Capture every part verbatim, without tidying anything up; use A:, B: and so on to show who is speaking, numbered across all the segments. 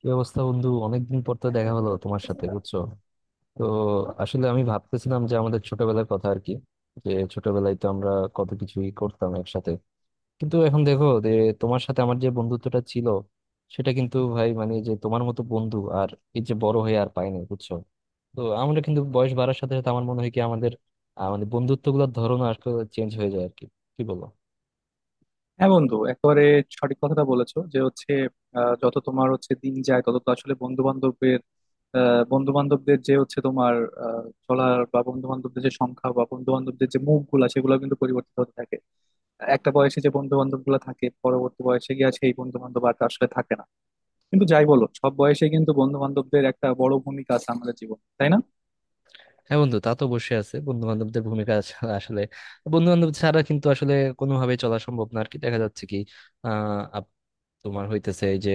A: কি অবস্থা বন্ধু, অনেকদিন পর তো দেখা হলো তোমার সাথে, বুঝছো? তো আসলে আমি ভাবতেছিলাম যে আমাদের ছোটবেলার কথা আর কি, যে ছোটবেলায় তো আমরা কত কিছুই করতাম একসাথে, কিন্তু এখন দেখো যে তোমার সাথে আমার যে বন্ধুত্বটা ছিল সেটা কিন্তু ভাই মানে যে তোমার মতো বন্ধু আর এই যে বড় হয়ে আর পাইনি, বুঝছো? তো আমরা কিন্তু বয়স বাড়ার সাথে সাথে আমার মনে হয় কি আমাদের আহ, মানে বন্ধুত্ব গুলোর ধরন আসলে চেঞ্জ হয়ে যায় আর কি, কি বলো?
B: হ্যাঁ বন্ধু, একেবারে সঠিক কথাটা বলেছো যে হচ্ছে আহ, যত তোমার হচ্ছে দিন যায় তত তো আসলে বন্ধু বান্ধবের বন্ধু বান্ধবদের যে হচ্ছে তোমার আহ, চলার বা বন্ধু বান্ধবদের যে সংখ্যা বা বন্ধু বান্ধবদের যে মুখ গুলা, সেগুলো কিন্তু পরিবর্তিত হতে থাকে। একটা বয়সে যে বন্ধু বান্ধব গুলা থাকে, পরবর্তী বয়সে গিয়ে সেই বন্ধু বান্ধব আর আসলে থাকে না। কিন্তু যাই বলো, সব বয়সে কিন্তু বন্ধু বান্ধবদের একটা বড় ভূমিকা আছে আমাদের জীবন, তাই না?
A: হ্যাঁ বন্ধু, তা তো অবশ্যই আছে, বন্ধু বান্ধবদের ভূমিকা আছে। আসলে বন্ধু বান্ধব ছাড়া কিন্তু আসলে কোনোভাবে চলা সম্ভব না আর কি। দেখা যাচ্ছে কি আহ আপ- তোমার হইতেছে এই যে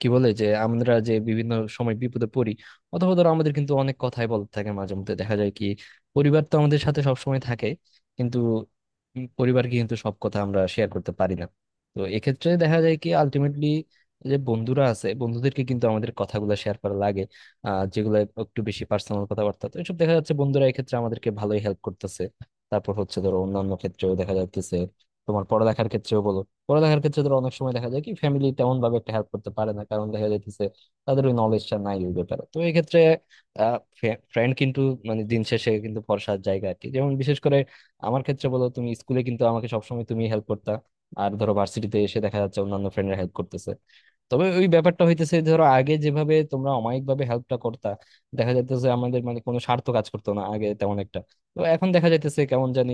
A: কি বলে যে আমরা যে বিভিন্ন সময় বিপদে পড়ি, অথবা ধরো আমাদের কিন্তু অনেক কথাই বলতে থাকে মাঝে মধ্যে দেখা যায় কি, পরিবার তো আমাদের সাথে সবসময় থাকে, কিন্তু উম পরিবারকে কিন্তু সব কথা আমরা শেয়ার করতে পারি না। তো এক্ষেত্রে দেখা যায় কি আলটিমেটলি যে বন্ধুরা আছে, বন্ধুদেরকে কিন্তু আমাদের কথাগুলো শেয়ার করা লাগে, আহ যেগুলো একটু বেশি পার্সোনাল কথাবার্তা। তো এসব দেখা যাচ্ছে বন্ধুরা এক্ষেত্রে আমাদেরকে ভালোই হেল্প করতেছে। তারপর হচ্ছে ধরো অন্যান্য ক্ষেত্রেও দেখা যাচ্ছে, তোমার পড়ালেখার ক্ষেত্রেও বলো, পড়ালেখার ক্ষেত্রে ধরো অনেক সময় দেখা যায় কি ফ্যামিলি তেমন ভাবে একটা হেল্প করতে পারে না, কারণ দেখা যাইতেছে তাদের ওই নলেজটা নাই ওই ব্যাপারে। তো এই ক্ষেত্রে ফ্রেন্ড কিন্তু মানে দিন শেষে কিন্তু ভরসার জায়গা আর কি, যেমন বিশেষ করে আমার ক্ষেত্রে বলো তুমি স্কুলে কিন্তু আমাকে সবসময় তুমি হেল্প করতা, আর ধরো ভার্সিটিতে এসে দেখা যাচ্ছে অন্যান্য ফ্রেন্ডরা হেল্প করতেছে। তবে ওই ব্যাপারটা হইতেছে ধরো আগে যেভাবে তোমরা অমায়িক ভাবে হেল্পটা করতা, দেখা যাইতেছে আমাদের মানে কোনো স্বার্থ কাজ করতো না আগে তেমন একটা, তো এখন দেখা যাইতেছে কেমন জানি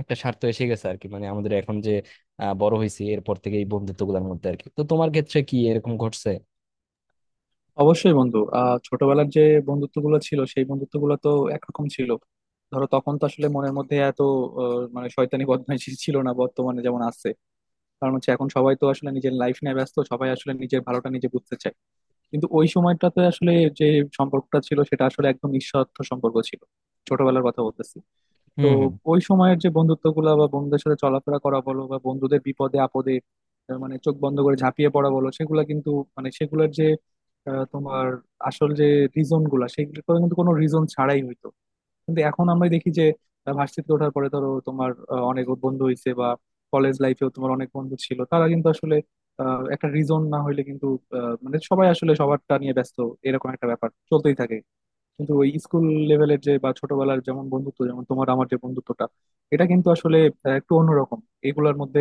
A: একটা স্বার্থ এসে গেছে আর কি, মানে আমাদের এখন যে আহ, বড় হয়েছি এরপর থেকে এই বন্ধুত্ব গুলোর মধ্যে আর কি। তো তোমার ক্ষেত্রে কি এরকম ঘটছে?
B: অবশ্যই বন্ধু, আহ ছোটবেলার যে বন্ধুত্ব গুলো ছিল সেই বন্ধুত্ব গুলো তো একরকম ছিল। ধরো, তখন তো আসলে মনের মধ্যে এত আহ, মানে শয়তানি বদমাইশি ছিল না বর্তমানে যেমন আছে। কারণ হচ্ছে এখন সবাই তো আসলে নিজের লাইফ নিয়ে ব্যস্ত, সবাই আসলে নিজের ভালোটা নিজে বুঝতে চায়। কিন্তু ওই সময়টাতে আসলে যে সম্পর্কটা ছিল সেটা আসলে একদম নিঃস্বার্থ সম্পর্ক ছিল। ছোটবেলার কথা বলতেছি। তো
A: হম
B: ওই সময়ের যে বন্ধুত্বগুলো বা বন্ধুদের সাথে চলাফেরা করা বলো বা বন্ধুদের বিপদে আপদে আহ, মানে চোখ বন্ধ করে ঝাঁপিয়ে পড়া বলো, সেগুলা কিন্তু মানে সেগুলোর যে আহ, তোমার আসল যে রিজন গুলা, সেগুলো কিন্তু কোনো রিজন ছাড়াই হইতো। কিন্তু এখন আমরা দেখি যে আহ, ভার্সিটিতে ওঠার পরে ধরো তোমার আহ, অনেক বন্ধু হইছে, বা কলেজ লাইফেও তোমার অনেক বন্ধু ছিল, তারা কিন্তু আসলে আহ, একটা রিজন না হইলে কিন্তু আহ, মানে সবাই আসলে সবারটা নিয়ে ব্যস্ত, এরকম একটা ব্যাপার চলতেই থাকে। কিন্তু ওই স্কুল লেভেলের যে বা ছোটবেলার যেমন বন্ধুত্ব, যেমন তোমার আমার যে বন্ধুত্বটা, এটা কিন্তু আসলে আহ, একটু অন্যরকম। এগুলোর মধ্যে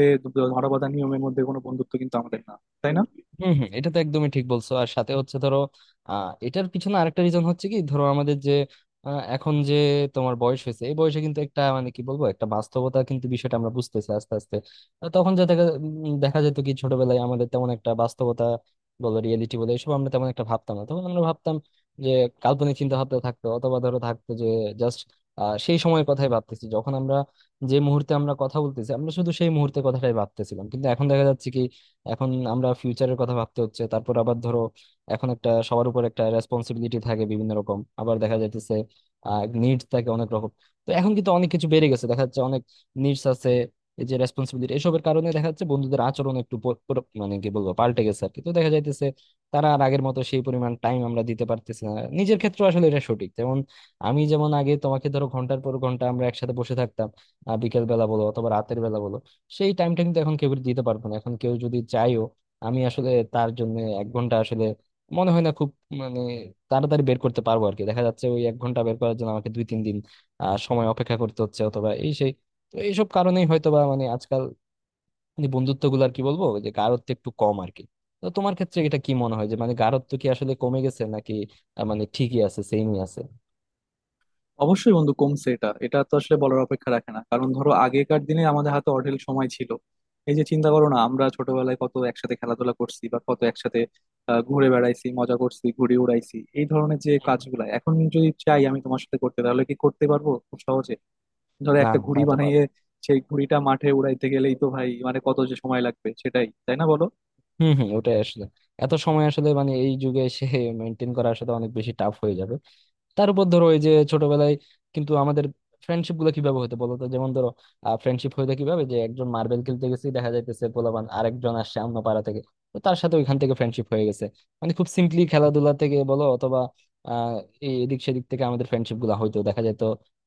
B: ধরা বাঁধা নিয়মের মধ্যে কোনো বন্ধুত্ব কিন্তু আমাদের না, তাই না?
A: হম হম এটা তো একদমই ঠিক বলছো। আর সাথে হচ্ছে ধরো আহ এটার পিছনে আরেকটা রিজন হচ্ছে কি, ধরো আমাদের যে আহ, এখন যে তোমার বয়স হয়েছে এই বয়সে কিন্তু একটা মানে কি বলবো একটা বাস্তবতা কিন্তু বিষয়টা আমরা বুঝতেছি আস্তে আস্তে। আহ, তখন যা দেখা উম, দেখা যেত কি ছোটবেলায় আমাদের তেমন একটা বাস্তবতা বলো রিয়েলিটি বলে এসব আমরা তেমন একটা ভাবতাম না, তখন আমরা ভাবতাম যে কাল্পনিক চিন্তা ভাবনা থাকতো, অথবা ধরো থাকতো যে জাস্ট সেই সময়ের কথাই ভাবতেছি, যখন আমরা যে মুহূর্তে আমরা কথা বলতেছি আমরা শুধু সেই মুহূর্তে কথাটাই ভাবতেছিলাম, কিন্তু এখন দেখা যাচ্ছে কি এখন আমরা ফিউচারের কথা ভাবতে হচ্ছে, তারপর আবার ধরো এখন একটা সবার উপর একটা রেসপন্সিবিলিটি থাকে বিভিন্ন রকম, আবার দেখা যাইতেছে আহ নিডস থাকে অনেক রকম। তো এখন কিন্তু অনেক কিছু বেড়ে গেছে, দেখা যাচ্ছে অনেক নিডস আছে। এই যে রেসপন্সিবিলিটি, এসবের কারণে দেখা যাচ্ছে বন্ধুদের আচরণ একটু পর- পর- মানে কি বলবো পাল্টে গেছে আর কি। তো দেখা যাইতেছে তারা আর আগের মতো সেই পরিমাণ টাইম আমরা দিতে পারতেছি না। নিজের ক্ষেত্রে আসলে এটা সঠিক, যেমন আমি যেমন আগে তোমাকে ধরো ঘন্টার পর ঘন্টা আমরা একসাথে বসে থাকতাম, আহ বিকেল বেলা বলো অথবা রাতের বেলা বলো, সেই টাইমটা কিন্তু এখন কেউ দিতে পারবো না। এখন কেউ যদি চাইও আমি আসলে তার জন্য এক ঘন্টা আসলে মনে হয় না খুব মানে তাড়াতাড়ি বের করতে পারবো আর কি। দেখা যাচ্ছে ওই এক ঘন্টা বের করার জন্য আমাকে দুই তিন দিন আহ, সময় অপেক্ষা করতে হচ্ছে, অথবা এই সেই। তো এইসব কারণেই হয়তো বা মানে আজকাল বন্ধুত্ব গুলো আর কি বলবো যে গাঢ়ত্ব একটু কম আর কি। তো তোমার ক্ষেত্রে এটা কি মনে হয় যে মানে গাঢ়ত্ব কি আসলে কমে গেছে, নাকি আহ, মানে ঠিকই আছে সেমই আছে?
B: অবশ্যই বন্ধু কমছে, এটা এটা তো আসলে বলার অপেক্ষা রাখে না। কারণ ধরো আগেকার দিনে আমাদের হাতে অঢেল সময় ছিল। এই যে চিন্তা করো না, আমরা ছোটবেলায় কত একসাথে খেলাধুলা করছি বা কত একসাথে আহ, ঘুরে বেড়াইছি, মজা করছি, ঘুড়ি উড়াইছি, এই ধরনের যে কাজগুলা এখন যদি চাই আমি তোমার সাথে করতে, তাহলে কি করতে পারবো খুব সহজে? ধরো
A: না,
B: একটা
A: তা
B: ঘুড়ি
A: তো।
B: বানিয়ে সেই ঘুড়িটা মাঠে উড়াইতে গেলেই তো ভাই মানে কত যে সময় লাগবে সেটাই, তাই না বলো?
A: হম হম ওটাই আসলে এত সময় আসলে মানে এই যুগে এসে মেনটেন করা আসলে অনেক বেশি টাফ হয়ে যাবে। তার উপর ধরো ওই যে ছোটবেলায় কিন্তু আমাদের ফ্রেন্ডশিপ গুলো কিভাবে হতো বলতো? যেমন ধরো ফ্রেন্ডশিপ হইতো কিভাবে, যে একজন মার্বেল খেলতে গেছি, দেখা যাইতেছে পোলাপান আরেকজন আসছে অন্য পাড়া থেকে, তো তার সাথে ওইখান থেকে ফ্রেন্ডশিপ হয়ে গেছে। মানে খুব সিম্পলি খেলাধুলা থেকে বলো, অথবা আহ এই এদিক সেদিক থেকে আমাদের ফ্রেন্ডশিপ গুলা হইতো দেখা যেত।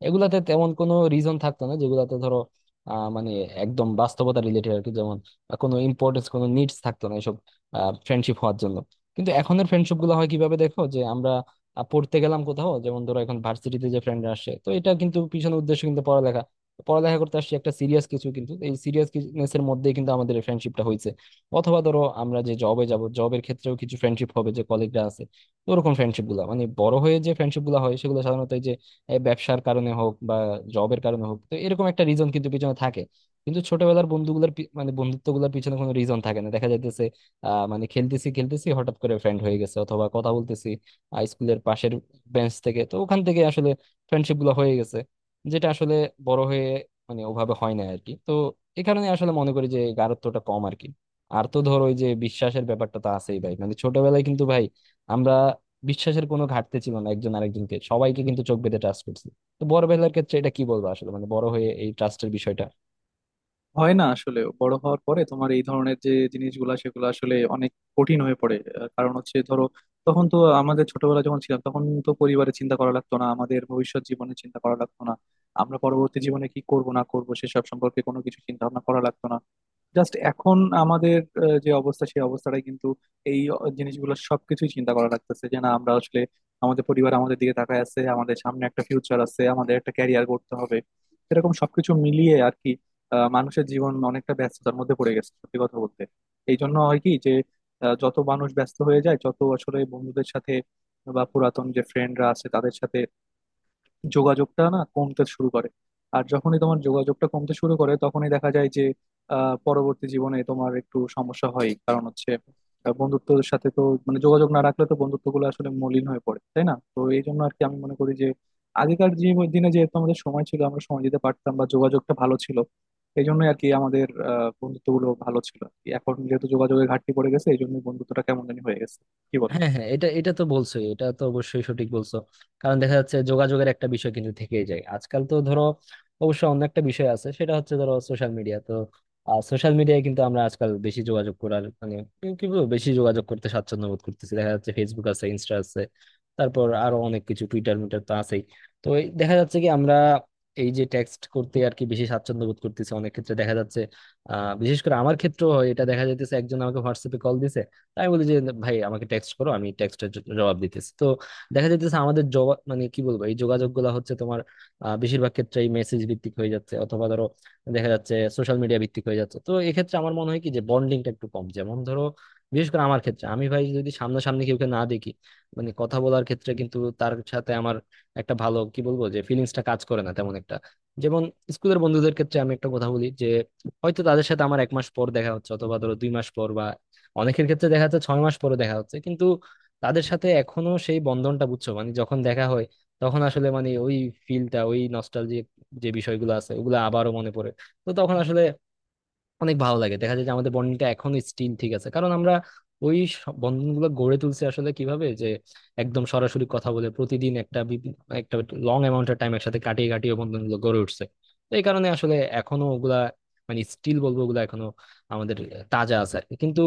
A: এগুলাতে তেমন কোনো রিজন থাকতো না, যেগুলাতে ধরো আহ মানে একদম বাস্তবতা রিলেটেড আর কি, বা কোনো ইম্পর্টেন্স কোনো নিডস থাকতো না এসব ফ্রেন্ডশিপ হওয়ার জন্য। কিন্তু এখনের ফ্রেন্ডশিপ গুলো হয় কিভাবে দেখো, যে আমরা আহ, পড়তে গেলাম কোথাও, যেমন ধরো এখন ভার্সিটিতে যে ফ্রেন্ডরা আসে তো এটা কিন্তু পিছনের উদ্দেশ্য কিন্তু পড়ালেখা, পড়ালেখা করতে আসছি একটা সিরিয়াস কিছু, কিন্তু এই সিরিয়াসনেস এর মধ্যেই কিন্তু আমাদের এই ফ্রেন্ডশিপটা হয়েছে। অথবা ধরো আমরা যে জবে যাব, জবের ক্ষেত্রেও কিছু ফ্রেন্ডশিপ হবে যে কলিগরা আছে। তো ওরকম ফ্রেন্ডশিপ গুলা মানে বড় হয়ে যে ফ্রেন্ডশিপ গুলা হয় সেগুলো সাধারণত এই যে এই ব্যবসার কারণে হোক বা জবের কারণে হোক, তো এরকম একটা রিজন কিন্তু পিছনে থাকে। কিন্তু ছোটবেলার বন্ধুগুলার পি- মানে বন্ধুত্ব গুলার পিছনে কোনো রিজন থাকে না দেখা যাইতেছে। আহ মানে খেলতেছি খেলতেছি হঠাৎ করে ফ্রেন্ড হয়ে গেছে, অথবা কথা বলতেছি আহ, স্কুলের পাশের বেঞ্চ থেকে, তো ওখান থেকে আসলে ফ্রেন্ডশিপ গুলো হয়ে গেছে, যেটা আসলে বড় হয়ে মানে ওভাবে হয় না আর কি। তো এই কারণে আসলে মনে করি যে এই গাঢ়ত্বটা কম আর কি। আর তো ধর ওই যে বিশ্বাসের ব্যাপারটা তো আছেই ভাই, মানে ছোটবেলায় কিন্তু ভাই আমরা বিশ্বাসের কোনো ঘাটতি ছিল না, একজন আরেকজনকে সবাইকে কিন্তু চোখ বেঁধে ট্রাস্ট করছি। তো বড় বেলার ক্ষেত্রে এটা কি বলবো আসলে মানে বড় হয়ে এই ট্রাস্টের বিষয়টা।
B: হয় না আসলে, বড় হওয়ার পরে তোমার এই ধরনের যে জিনিসগুলা সেগুলো আসলে অনেক কঠিন হয়ে পড়ে। আহ, কারণ হচ্ছে ধরো তখন তো আমাদের ছোটবেলা যখন ছিলাম তখন তো পরিবারের চিন্তা করা লাগতো না, আমাদের ভবিষ্যৎ জীবনে চিন্তা করা লাগতো না। আমরা পরবর্তী জীবনে কি করব না করব সেসব সম্পর্কে কোনো কিছু চিন্তা ভাবনা করা লাগতো না। জাস্ট এখন আমাদের আহ, যে অবস্থা সেই অবস্থাটাই কিন্তু এই জিনিসগুলো সবকিছুই চিন্তা করা লাগতেছে যে না আমরা আসলে আমাদের পরিবার আমাদের দিকে তাকায় আছে, আমাদের সামনে একটা ফিউচার আছে, আমাদের একটা ক্যারিয়ার করতে হবে, এরকম সবকিছু মিলিয়ে আর কি আহ, মানুষের জীবন অনেকটা ব্যস্ততার মধ্যে পড়ে গেছে সত্যি কথা বলতে। এই জন্য হয় কি যে আহ, যত মানুষ ব্যস্ত হয়ে যায়, যত আসলে বন্ধুদের সাথে বা পুরাতন যে ফ্রেন্ডরা আছে তাদের সাথে যোগাযোগটা না কমতে শুরু করে, আর যখনই তোমার যোগাযোগটা কমতে শুরু করে তখনই দেখা যায় যে আহ, পরবর্তী জীবনে তোমার একটু সমস্যা হয়। কারণ হচ্ছে আহ, বন্ধুত্বের সাথে তো মানে যোগাযোগ না রাখলে তো বন্ধুত্বগুলো আসলে মলিন হয়ে পড়ে, তাই না? তো এই জন্য আর কি আমি মনে করি যে আগেকার জীব- দিনে যেহেতু আমাদের সময় ছিল, আমরা সময় দিতে পারতাম বা যোগাযোগটা ভালো ছিল, এই জন্যই আর কি আমাদের আহ বন্ধুত্বগুলো ভালো ছিল আর কি। এখন যেহেতু যোগাযোগের ঘাটতি পড়ে গেছে এই জন্য বন্ধুত্বটা কেমন জানি হয়ে গেছে, কি বলো?
A: হ্যাঁ হ্যাঁ, এটা এটা তো বলছোই, এটা তো অবশ্যই সঠিক বলছো। কারণ দেখা যাচ্ছে যোগাযোগের একটা বিষয় কিন্তু থেকেই যায় আজকাল। তো ধরো অবশ্য অন্য একটা বিষয় আছে, সেটা হচ্ছে ধরো সোশ্যাল মিডিয়া, তো সোশ্যাল মিডিয়ায় কিন্তু আমরা আজকাল বেশি যোগাযোগ করার মানে কি কি বলবো বেশি যোগাযোগ করতে স্বাচ্ছন্দ্য বোধ করতেছি। দেখা যাচ্ছে ফেসবুক আছে, ইনস্টা আছে, তারপর আরো অনেক কিছু, টুইটার মিটার তো আছেই। তো এই দেখা যাচ্ছে কি আমরা এই যে টেক্সট করতে আর কি বেশি স্বাচ্ছন্দ্য বোধ করতেছি অনেক ক্ষেত্রে দেখা যাচ্ছে। আহ বিশেষ করে আমার ক্ষেত্রেও হয় এটা, দেখা যাইতেছে একজন আমাকে হোয়াটসঅ্যাপে কল দিছে, আমি বলি যে ভাই আমাকে টেক্সট করো, আমি টেক্সটের জবাব দিতেছি। তো দেখা যাইতেছে আমাদের জবাব মানে কি বলবো এই যোগাযোগ গুলা হচ্ছে তোমার আহ, বেশিরভাগ ক্ষেত্রেই মেসেজ ভিত্তিক হয়ে যাচ্ছে, অথবা ধরো দেখা যাচ্ছে সোশ্যাল মিডিয়া ভিত্তিক হয়ে যাচ্ছে। তো এক্ষেত্রে আমার মনে হয় কি যে বন্ডিংটা একটু কম। যেমন ধরো বিশেষ করে আমার ক্ষেত্রে আমি ভাই যদি সামনাসামনি কাউকে না দেখি মানে কথা বলার ক্ষেত্রে কিন্তু তার সাথে আমার একটা ভালো কি বলবো যে ফিলিংসটা কাজ করে না তেমন একটা। যেমন স্কুলের বন্ধুদের ক্ষেত্রে আমি একটা কথা বলি যে হয়তো তাদের সাথে আমার এক মাস পর দেখা হচ্ছে অথবা ধরো দুই মাস পর, অনেকের ক্ষেত্রে দেখা যাচ্ছে ছয় মাস পরে দেখা হচ্ছে, কিন্তু তাদের সাথে এখনো সেই বন্ধনটা, বুঝছো, মানে যখন দেখা হয় তখন আসলে মানে ওই ফিলটা, ওই নস্টালজিক যে বিষয়গুলো আছে ওগুলো আবারও মনে পড়ে। তো তখন আসলে অনেক ভালো লাগে, দেখা যায় যে আমাদের বন্ডিংটা এখনো স্টিল ঠিক আছে, কারণ আমরা ওই স- বন্ধনগুলো গড়ে তুলছি আসলে কিভাবে, যে একদম সরাসরি কথা বলে প্রতিদিন একটা বিভি- একটা লং অ্যামাউন্টের টাইম একসাথে কাটিয়ে কাটিয়ে বন্ধনগুলো গড়ে উঠছে। তো এই কারণে আসলে এখনো ওগুলা মানে স্টিল বলবো ওগুলা এখনো আমাদের তাজা আছে আর কি। কিন্তু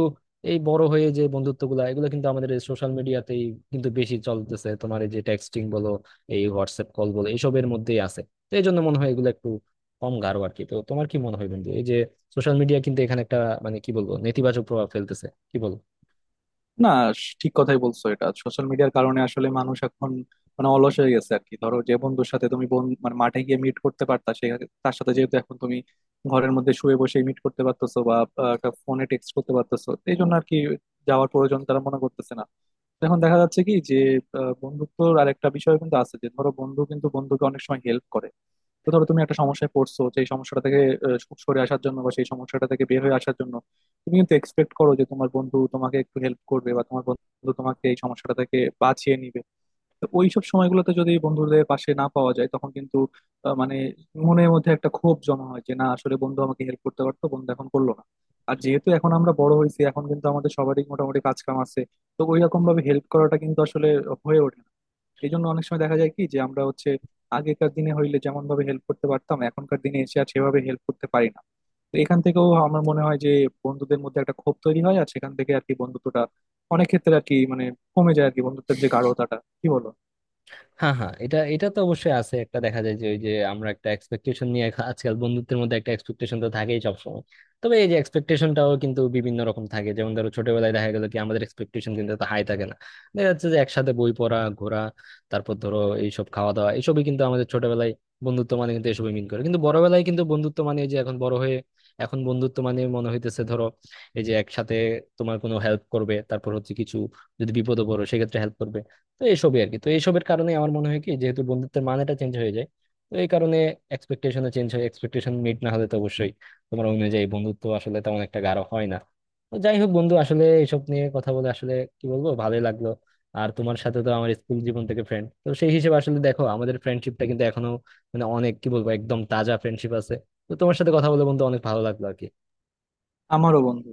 A: এই বড় হয়ে যে বন্ধুত্বগুলা এগুলো কিন্তু আমাদের সোশ্যাল মিডিয়াতেই কিন্তু বেশি চলতেছে, তোমার এই যে টেক্সটিং বলো, এই হোয়াটসঅ্যাপ কল বলো, এইসবের মধ্যেই আছে। তো এই জন্য মনে হয় এগুলো একটু কম গাঢ় আর কি। তো তোমার কি মনে হয় বন্ধু, এই যে সোশ্যাল মিডিয়া কিন্তু এখানে একটা মানে কি বলবো নেতিবাচক প্রভাব ফেলতেছে, কি বল?
B: না, স- ঠিক কথাই বলছো। এটা সোশ্যাল মিডিয়ার কারণে আসলে মানুষ এখন মানে অলস হয়ে গেছে আর কি। ধরো যে বন্ধুর সাথে তুমি বন মানে মাঠে গিয়ে মিট করতে পারতা সে, তার সাথে যেহেতু এখন তুমি ঘরের মধ্যে শুয়ে বসে মিট করতে পারতেছো বা ফোনে টেক্সট করতে পারতেছো, এই জন্য আর কি যাওয়ার প্রয়োজন তারা মনে করতেছে না। এখন দেখা যাচ্ছে কি যে আহ, বন্ধুত্বর আর একটা বিষয় কিন্তু আছে যে ধরো বন্ধু কিন্তু বন্ধুকে অনেক সময় হেল্প করে। তো ধরো তুমি একটা সমস্যায় পড়ছো, সেই সমস্যাটা থেকে আহ, সু- সরে আসার জন্য বা সেই সমস্যাটা থেকে বের হয়ে আসার জন্য তুমি কিন্তু এক্সপেক্ট করো যে তোমার বন্ধু তোমাকে একটু হেল্প করবে বা তোমার বন্ধু তোমাকে এই সমস্যাটা থেকে বাঁচিয়ে নিবে। তো ওইসব সময়গুলোতে যদি বন্ধুদের পাশে না পাওয়া যায় তখন কিন্তু আহ, মানে মনের মধ্যে একটা ক্ষোভ জমা হয় যে না, আসলে বন্ধু আমাকে হেল্প করতে পারতো, বন্ধু এখন করলো না। আর যেহেতু এখন আমরা বড় হয়েছি, এখন কিন্তু আমাদের সবারই মোটামুটি কাজ কাম আছে, তো ওই রকম ভাবে হেল্প করাটা কিন্তু আসলে হয়ে ওঠে না। এই জন্য অনেক সময় দেখা যায় কি যে আমরা হচ্ছে আগেকার দিনে হইলে যেমন ভাবে হেল্প করতে পারতাম এখনকার দিনে এসে আর সেভাবে হেল্প করতে পারি না। তো এখান থেকেও আমার মনে হয় যে বন্ধুদের মধ্যে একটা ক্ষোভ তৈরি হয়, আর সেখান থেকে আর কি বন্ধুত্বটা অনেক ক্ষেত্রে আর কি মানে কমে যায় আর কি, বন্ধুত্বের যে গাঢ়তাটা, কি বলো?
A: হ্যাঁ হ্যাঁ, এটা এটা তো অবশ্যই আছে একটা, দেখা যায় যে ওই যে আমরা একটা এক্সপেকটেশন নিয়ে খা- আজকাল বন্ধুত্বের মধ্যে একটা এক্সপেকটেশন তো থাকেই সবসময়। তবে এই যে এক্সপেকটেশনটাও কিন্তু বিভিন্ন রকম থাকে, যেমন ধরো ছোটবেলায় দেখা গেল কি আমাদের এক্সপেকটেশন কিন্তু এত হাই থাকে না। দেখা যাচ্ছে যে একসাথে বই পড়া, ঘোরা, তারপর ধরো এইসব খাওয়া দাওয়া, এইসবই কিন্তু আমাদের ছোটবেলায় বন্ধুত্ব মানে কিন্তু এসবই মিন করে। কিন্তু বড়বেলায় কিন্তু বন্ধুত্ব মানে এই যে এখন বড় হয়ে এখন বন্ধুত্ব মানে মনে হইতেছে ধরো এই যে একসাথে তোমার কোনো হেল্প করবে, তারপর হচ্ছে কিছু যদি বিপদে পড়ো সেক্ষেত্রে হেল্প করবে। তো এইসবই আর কি। তো এইসবের কারণে আমার মনে হয় কি যেহেতু বন্ধুত্বের মানেটা চেঞ্জ হয়ে যায়, তো এই কারণে এক্সপেকটেশনও চেঞ্জ হয়, এক্সপেকটেশন মিট না হলে তো অবশ্যই তোমার অনুযায়ী বন্ধুত্ব আসলে তেমন একটা গাঢ় হয় না। তো যাই হোক বন্ধু, আসলে এইসব নিয়ে কথা বলে আসলে কি বলবো ভালোই লাগলো। আর তোমার সাথে তো আমার স্কুল জীবন থেকে ফ্রেন্ড, তো সেই হিসেবে আসলে দেখো আমাদের ফ্রেন্ডশিপটা কিন্তু এখনো মানে অনেক কি বলবো একদম তাজা ফ্রেন্ডশিপ আছে। তো তোমার সাথে কথা বলে বন্ধু অনেক ভালো লাগলো আর কি।
B: আমারও বন্ধু